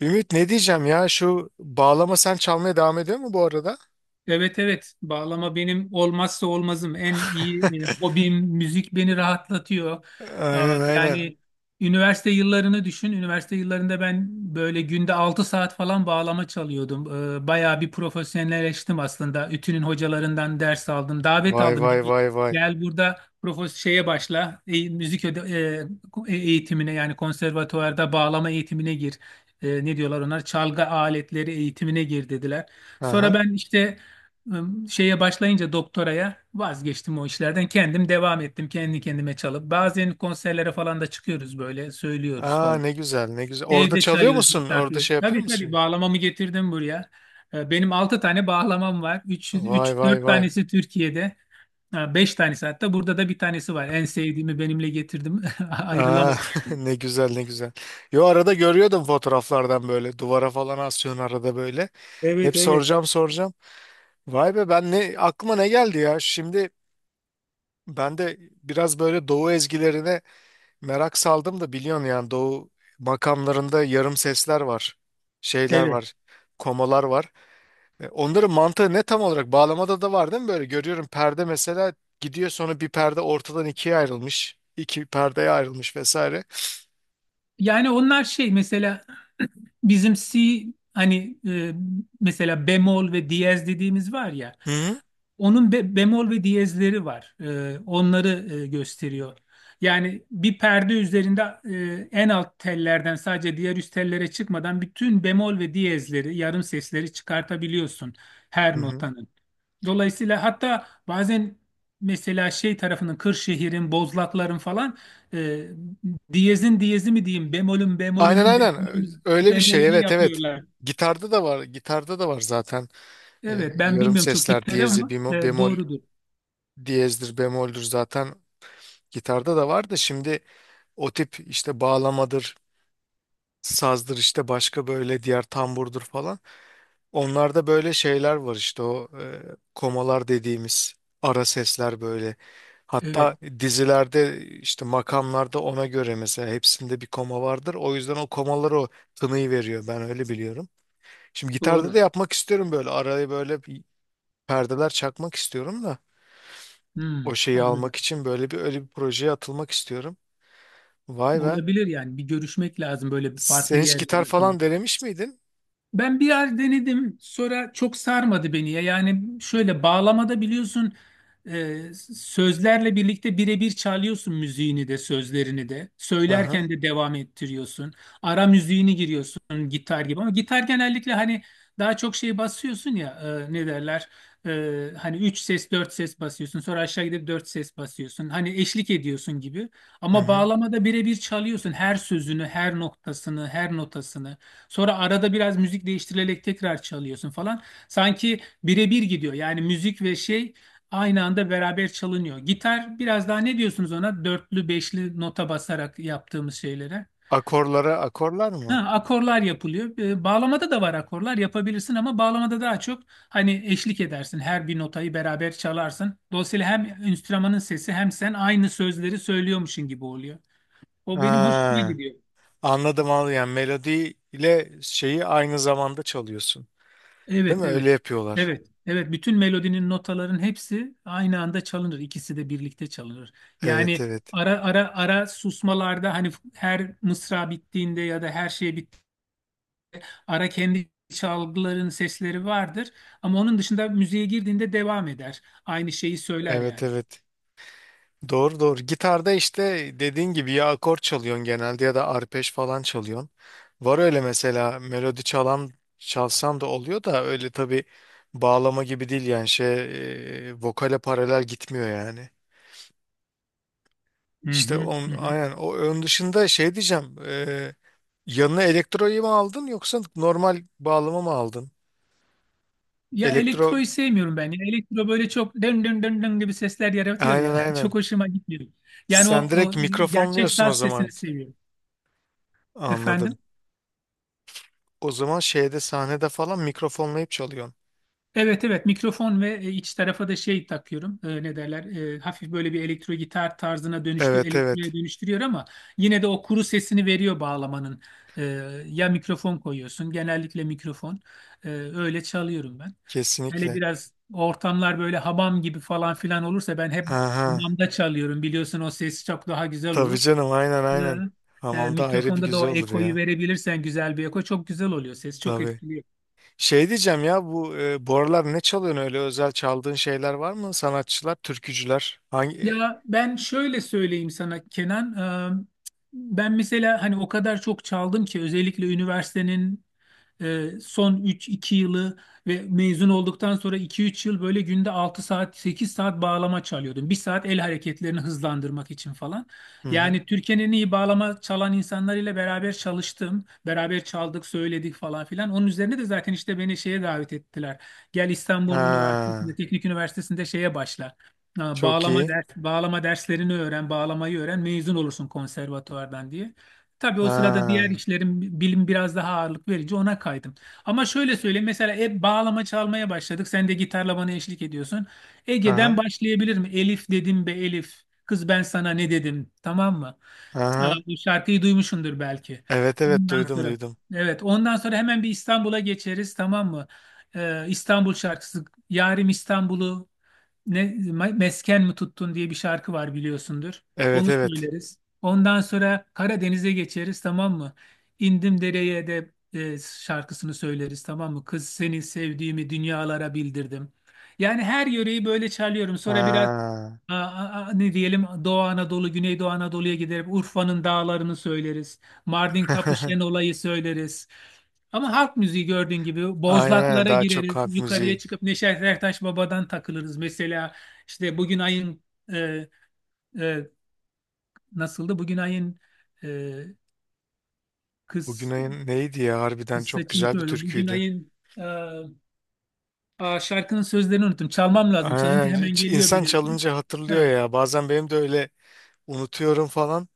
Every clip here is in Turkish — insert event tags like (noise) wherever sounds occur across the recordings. Ümit, ne diyeceğim ya, şu bağlama, sen çalmaya devam ediyor mu bu arada? Evet evet, bağlama benim olmazsa olmazım, en iyi (laughs) hobim müzik beni rahatlatıyor. Aa, Aynen, aynen. yani üniversite yıllarını düşün. Üniversite yıllarında ben böyle günde 6 saat falan bağlama çalıyordum. Bayağı bir profesyonelleştim aslında. Ütü'nün hocalarından ders aldım. Davet Vay aldım. vay Gel, vay vay. gel burada şeye başla. Müzik eğitimine, yani konservatuvarda bağlama eğitimine gir. Ne diyorlar onlar? Çalgı aletleri eğitimine gir dediler. Sonra Aha. ben işte şeye başlayınca doktoraya vazgeçtim o işlerden. Kendim devam ettim kendi kendime çalıp. Bazen konserlere falan da çıkıyoruz, böyle söylüyoruz Aa, falan. ne güzel, ne güzel. Orada Evde çalıyor çalıyoruz musun? Orada misafir. şey yapıyor Tabii tabii, musun? bağlamamı getirdim buraya. Benim 6 tane bağlamam var. üç Vay üç vay 4 vay. tanesi Türkiye'de. Ha, 5 tanesi, hatta burada da bir tanesi var. En sevdiğimi benimle getirdim. (laughs) Aa, Ayrılamadım (laughs) yani. ne güzel, ne güzel. Yo, arada görüyordum fotoğraflardan, böyle duvara falan asıyorsun arada, böyle. Hep Evet evet. soracağım, soracağım. Vay be, ben ne aklıma ne geldi ya? Şimdi ben de biraz böyle doğu ezgilerine merak saldım da, biliyorsun yani, doğu makamlarında yarım sesler var. Şeyler Evet. var. Komalar var. Onların mantığı ne tam olarak? Bağlamada da var değil mi böyle? Görüyorum, perde mesela gidiyor, sonra bir perde ortadan ikiye ayrılmış. İki perdeye ayrılmış vesaire. Yani onlar şey mesela (clears throat) bizim C, hani mesela bemol ve diyez dediğimiz var ya, Hı hı. onun bemol ve diyezleri var. Onları gösteriyor. Yani bir perde üzerinde en alt tellerden sadece diğer üst tellere çıkmadan bütün bemol ve diyezleri, yarım sesleri çıkartabiliyorsun Hı her hı. notanın. Dolayısıyla hatta bazen mesela şey tarafının, Kırşehir'in, Bozlakların falan, e, diyezin diyezi mi diyeyim, bemolün Aynen, bemolünün aynen. bemolünün Öyle bir şey. bemolünü Evet, evet. yapıyorlar. Gitarda da var. Gitarda da var zaten. Evet, ben Yarım bilmiyorum çok sesler gitleri diyezi, ama bemol, bemol, doğrudur. diyezdir, bemoldür zaten. Gitarda da var da, şimdi o tip işte, bağlamadır, sazdır işte, başka böyle diğer, tamburdur falan. Onlarda böyle şeyler var işte, o komalar dediğimiz ara sesler böyle. Evet, Hatta dizilerde işte, makamlarda ona göre mesela hepsinde bir koma vardır. O yüzden o komalar o tınıyı veriyor, ben öyle biliyorum. Şimdi gitarda doğru. da yapmak istiyorum böyle, araya böyle bir perdeler çakmak istiyorum da, o Hmm, şeyi anladım. almak için böyle bir, öyle bir projeye atılmak istiyorum. Vay be. Olabilir, yani bir görüşmek lazım böyle, bir farklı Sen hiç gitar yerlerde. falan denemiş miydin? Ben bir yer denedim sonra çok sarmadı beni ya. Yani şöyle, bağlamada biliyorsun e, sözlerle birlikte birebir çalıyorsun, müziğini de sözlerini de. Aha. Söylerken de devam ettiriyorsun. Ara müziğini giriyorsun gitar gibi, ama gitar genellikle hani daha çok şey basıyorsun ya, ne derler? E, hani 3 ses, 4 ses basıyorsun, sonra aşağı gidip 4 ses basıyorsun. Hani eşlik ediyorsun gibi, Hı ama hı. bağlamada birebir çalıyorsun her sözünü, her noktasını, her notasını. Sonra arada biraz müzik değiştirilerek tekrar çalıyorsun falan. Sanki birebir gidiyor. Yani müzik ve şey aynı anda beraber çalınıyor. Gitar biraz daha, ne diyorsunuz ona? Dörtlü, beşli nota basarak yaptığımız şeylere. Akorlara, akorlar Ha, mı? akorlar yapılıyor. Bağlamada da var, akorlar yapabilirsin ama bağlamada daha çok hani eşlik edersin. Her bir notayı beraber çalarsın. Dolayısıyla hem enstrümanın sesi hem sen aynı sözleri söylüyormuşsun gibi oluyor. O benim hoşuma Ha, gidiyor. anladım. Al yani, melodi ile şeyi aynı zamanda çalıyorsun. Değil Evet, mi? evet. Öyle yapıyorlar. Evet, evet. Bütün melodinin, notaların hepsi aynı anda çalınır. İkisi de birlikte çalınır. Evet, Yani evet. ara ara susmalarda, hani her mısra bittiğinde ya da her şey ara, kendi çalgıların sesleri vardır. Ama onun dışında müziğe girdiğinde devam eder. Aynı şeyi söyler Evet, yani. evet. Doğru, doğru. Gitarda işte, dediğin gibi ya akor çalıyorsun genelde, ya da arpej falan çalıyorsun. Var öyle mesela melodi çalan, çalsam da oluyor da, öyle tabii bağlama gibi değil yani, şey, vokale paralel gitmiyor yani. Hı İşte hı, on, hı hı. aynen, o ön dışında şey diyeceğim, yanına elektroyu mu aldın yoksa normal bağlama mı aldın? Ya, Elektro, elektroyu sevmiyorum ben. Ya elektro böyle çok dön dön dön dön gibi sesler yaratıyor aynen, ya. (laughs) Çok aynen. hoşuma gitmiyor. Yani o, Sen direkt o gerçek mikrofonluyorsun o saz zaman. sesini seviyorum. Efendim? Anladım. O zaman şeyde, sahnede falan mikrofonlayıp çalıyorsun. Evet evet, mikrofon ve iç tarafa da şey takıyorum. Ne derler? Hafif böyle, bir elektro gitar tarzına Evet, elektriğe evet. dönüştürüyor, ama yine de o kuru sesini veriyor bağlamanın. E, ya mikrofon koyuyorsun, genellikle mikrofon. Öyle çalıyorum ben. Hele Kesinlikle. biraz ortamlar böyle hamam gibi falan filan olursa, ben hep Aha. hamamda çalıyorum biliyorsun, o ses çok daha güzel Tabii olur. canım, aynen, aynen. E, e, Hamamda ayrı bir mikrofonda da güzel o olur ekoyu ya. verebilirsen, güzel bir eko çok güzel oluyor, ses çok Tabii. etkili. Şey diyeceğim ya, bu bu aralar ne çalıyorsun? Öyle özel çaldığın şeyler var mı? Sanatçılar, türkücüler. Hangi? Ya ben şöyle söyleyeyim sana, Kenan. Ee, Ben mesela hani o kadar çok çaldım ki, özellikle üniversitenin son 3-2 yılı ve mezun olduktan sonra iki üç yıl, böyle günde 6 saat, 8 saat bağlama çalıyordum. 1 saat el hareketlerini hızlandırmak için falan. Hı hı. Yani Türkiye'nin en iyi bağlama çalan insanlarıyla beraber çalıştım. Beraber çaldık, söyledik falan filan. Onun üzerine de zaten işte beni şeye davet ettiler. Gel İstanbul Üniversitesi'nde, Ha, Teknik Üniversitesi'nde şeye başla. Çok iyi. Bağlama derslerini öğren, bağlamayı öğren, mezun olursun konservatuvardan diye. Tabii o sırada diğer Ha. işlerin bilim biraz daha ağırlık verici, ona kaydım. Ama şöyle söyleyeyim, mesela hep bağlama çalmaya başladık. Sen de gitarla bana eşlik ediyorsun. Ege'den Aha. başlayabilir mi? Elif dedim, be Elif. Kız, ben sana ne dedim? Tamam mı? Aha. Bu şarkıyı duymuşsundur belki. Evet evet, Ondan duydum, sonra, duydum. evet, ondan sonra hemen bir İstanbul'a geçeriz, tamam mı? İstanbul şarkısı, Yarim İstanbul'u ne mesken mi tuttun diye bir şarkı var, biliyorsundur. Evet, Onu evet. söyleriz. Ondan sonra Karadeniz'e geçeriz, tamam mı? İndim dereye de şarkısını söyleriz, tamam mı? Kız, seni sevdiğimi dünyalara bildirdim. Yani her yöreyi böyle çalıyorum. Sonra biraz Ha. Ne diyelim, Doğu Anadolu, Güneydoğu Anadolu'ya giderek Urfa'nın dağlarını söyleriz. Mardin Kapışen (laughs) olayı söyleriz. Ama halk müziği, gördüğün gibi, Aynen, aynen, bozlaklara daha çok gireriz. halk Yukarıya müziği. çıkıp Neşet Ertaş Baba'dan takılırız. Mesela işte, bugün ayın e, e, nasıldı? Bugün ayın e, kız, Bugünün neydi ya, harbiden kız çok güzel saçındaki bir öyle. Bugün türküydü. ayın e, aa, şarkının sözlerini unuttum. Çalmam lazım. Çalınca Aynen, hemen geliyor, insan biliyorsun. çalınca hatırlıyor Ha, ya bazen, benim de öyle, unutuyorum falan.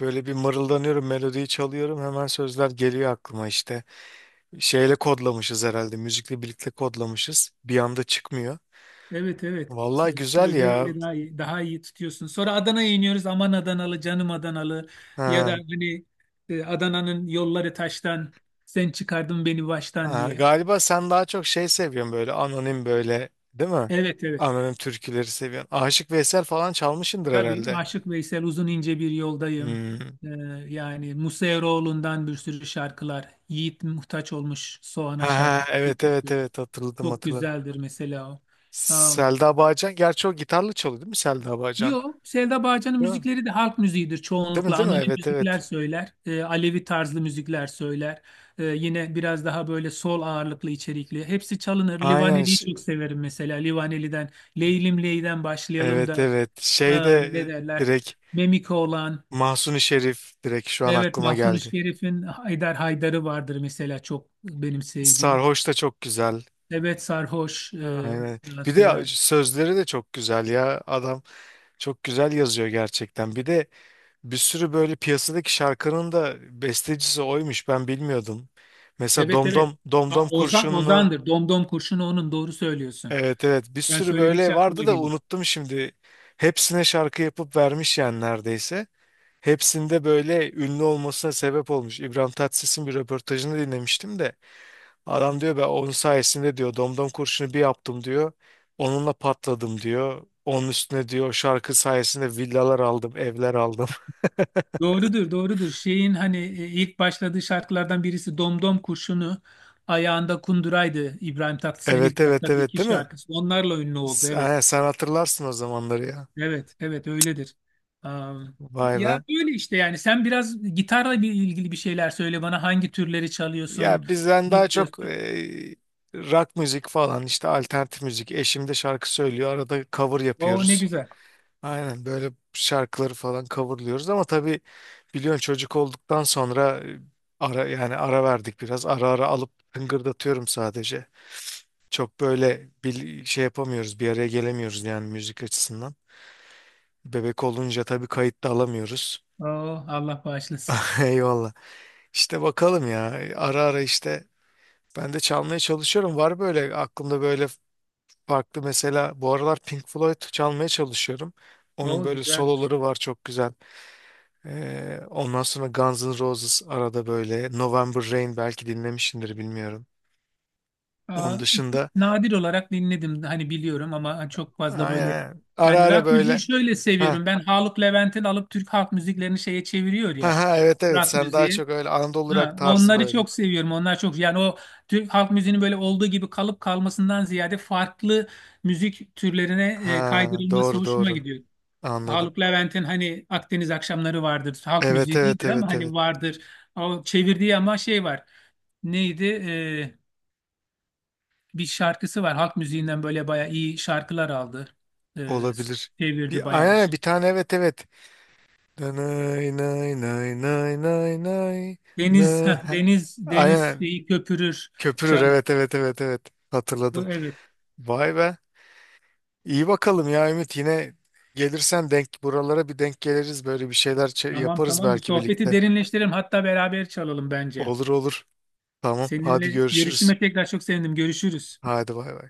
Böyle bir mırıldanıyorum, melodiyi çalıyorum, hemen sözler geliyor aklıma işte. Şeyle kodlamışız herhalde, müzikle birlikte kodlamışız. Bir anda çıkmıyor. evet evet. Vallahi güzel Sözler ya. öyle daha iyi, daha iyi tutuyorsun. Sonra Adana'ya iniyoruz. Aman Adanalı, canım Adanalı. Ya da Ha. hani Adana'nın yolları taştan, sen çıkardın beni baştan Ha, diye. galiba sen daha çok şey seviyorsun böyle, anonim, böyle değil mi? Evet evet. Anonim türküleri seviyorsun. Aşık Veysel falan çalmışındır Tabii herhalde. Aşık Veysel, uzun ince bir yoldayım. Hmm. Ee, yani Musa Eroğlu'ndan bir sürü şarkılar. Yiğit Muhtaç olmuş Ha, Soğan'a ha, şarkı. evet evet evet, hatırladım, Çok hatırladım. güzeldir mesela o. Um, Selda Bağcan, gerçi o gitarla çalıyor değil mi, Selda Bağcan? yo, Selda Bağcan'ın Değil mi? müzikleri de halk müziğidir Değil mi, çoğunlukla. değil mi? Anonim Evet, müzikler evet. söyler. Alevi tarzlı müzikler söyler. Yine biraz daha böyle sol ağırlıklı, içerikli. Hepsi çalınır. Aynen, Livaneli'yi çok severim mesela. Livaneli'den Leylim Ley'den başlayalım da, evet, evet. e, Şey de ne derler? direkt Memiko olan. Mahsuni Şerif direkt şu an Evet, aklıma Mahzun-ı geldi. Şerif'in Haydar Haydar'ı vardır mesela, çok benim sevdiğim. Sarhoş da çok güzel. Evet, Sarhoş Aynen. ondan Bir de sonra. sözleri de çok güzel ya, adam. Çok güzel yazıyor gerçekten. Bir de bir sürü böyle piyasadaki şarkının da bestecisi oymuş. Ben bilmiyordum. Mesela Evet evet. Domdom, Domdom Aa, Ozan, Kurşunlu. Ozan'dır. Domdom kurşunu onun, doğru söylüyorsun. Evet, evet. Bir Ben sürü böyle söyledikçe aklıma vardı da gelir. unuttum şimdi. Hepsine şarkı yapıp vermiş yani neredeyse. Hepsinde böyle ünlü olmasına sebep olmuş. İbrahim Tatlıses'in bir röportajını dinlemiştim de. Adam diyor, ben onun sayesinde diyor, Domdom Kurşunu bir yaptım diyor. Onunla patladım diyor. Onun üstüne diyor, o şarkı sayesinde villalar aldım, evler aldım. (laughs) Doğrudur, doğrudur. Şeyin, hani ilk başladığı şarkılardan birisi Domdom kurşunu, ayağında kunduraydı İbrahim Tatlıses'in Evet ilk evet başladığı evet, iki değil mi? şarkısı. Onlarla ünlü oldu, evet. Ha, sen hatırlarsın o zamanları ya. Evet, evet öyledir. Am, Vay ya be. böyle işte, yani sen biraz gitarla bir ilgili bir şeyler söyle bana, hangi türleri çalıyorsun, Ya bizden daha çok dinliyorsun. Rock müzik falan işte, alternatif müzik. Eşim de şarkı söylüyor. Arada cover O ne yapıyoruz. güzel. Aynen, böyle şarkıları falan coverlıyoruz ama tabii biliyorsun, çocuk olduktan sonra ara, yani ara verdik biraz. Ara ara alıp tıngırdatıyorum sadece. Çok böyle bir şey yapamıyoruz, bir araya gelemiyoruz yani müzik açısından. Bebek olunca tabii kayıt da alamıyoruz. Oo, Allah bağışlasın. (laughs) Eyvallah. İşte bakalım ya, ara ara işte ben de çalmaya çalışıyorum. Var böyle aklımda böyle farklı, mesela bu aralar Pink Floyd çalmaya çalışıyorum. Onun O böyle güzelmiş. soloları var, çok güzel. Ondan sonra Guns N' Roses, arada böyle November Rain, belki dinlemişsindir, bilmiyorum. Aa, Onun dışında nadir olarak dinledim, hani biliyorum ama çok fazla böyle aynen, ara yani, ara rock müziği böyle, şöyle ha seviyorum. Ben Haluk Levent'in alıp Türk halk müziklerini şeye çeviriyor ha ya, ha, evet evet, rock sen daha müziğe. çok öyle Anadolu rock Ha, tarzı Onları böyle. çok seviyorum. Onlar çok, yani o Türk halk müziğinin böyle olduğu gibi kalıp kalmasından ziyade farklı müzik türlerine Ha, kaydırılması doğru, hoşuma doğru, gidiyor. anladım. Haluk Levent'in, hani, Akdeniz akşamları vardır. Halk Evet müziği evet değildir ama evet hani evet, vardır. O çevirdiği, ama şey var. Neydi? Bir şarkısı var. Halk müziğinden böyle bayağı iyi şarkılar aldı. E, olabilir. çevirdi Bir bayağı bir aynen, şey. bir tane, evet, evet. Nanay nay nay nay nay nay, Deniz, (laughs) ha. deniz, deniz Aynen, şeyi köpürür köpürür, canım. evet evet evet evet, Bu, hatırladım. evet. Vay be. İyi bakalım ya Ümit, yine gelirsen denk, buralara bir denk geliriz, böyle bir şeyler Tamam yaparız tamam, bu belki sohbeti birlikte. derinleştirelim, hatta beraber çalalım bence. Olur, olur. Tamam, hadi Seninle görüşürüz. görüştüğüme tekrar çok sevindim. Görüşürüz. Hadi, bay bay.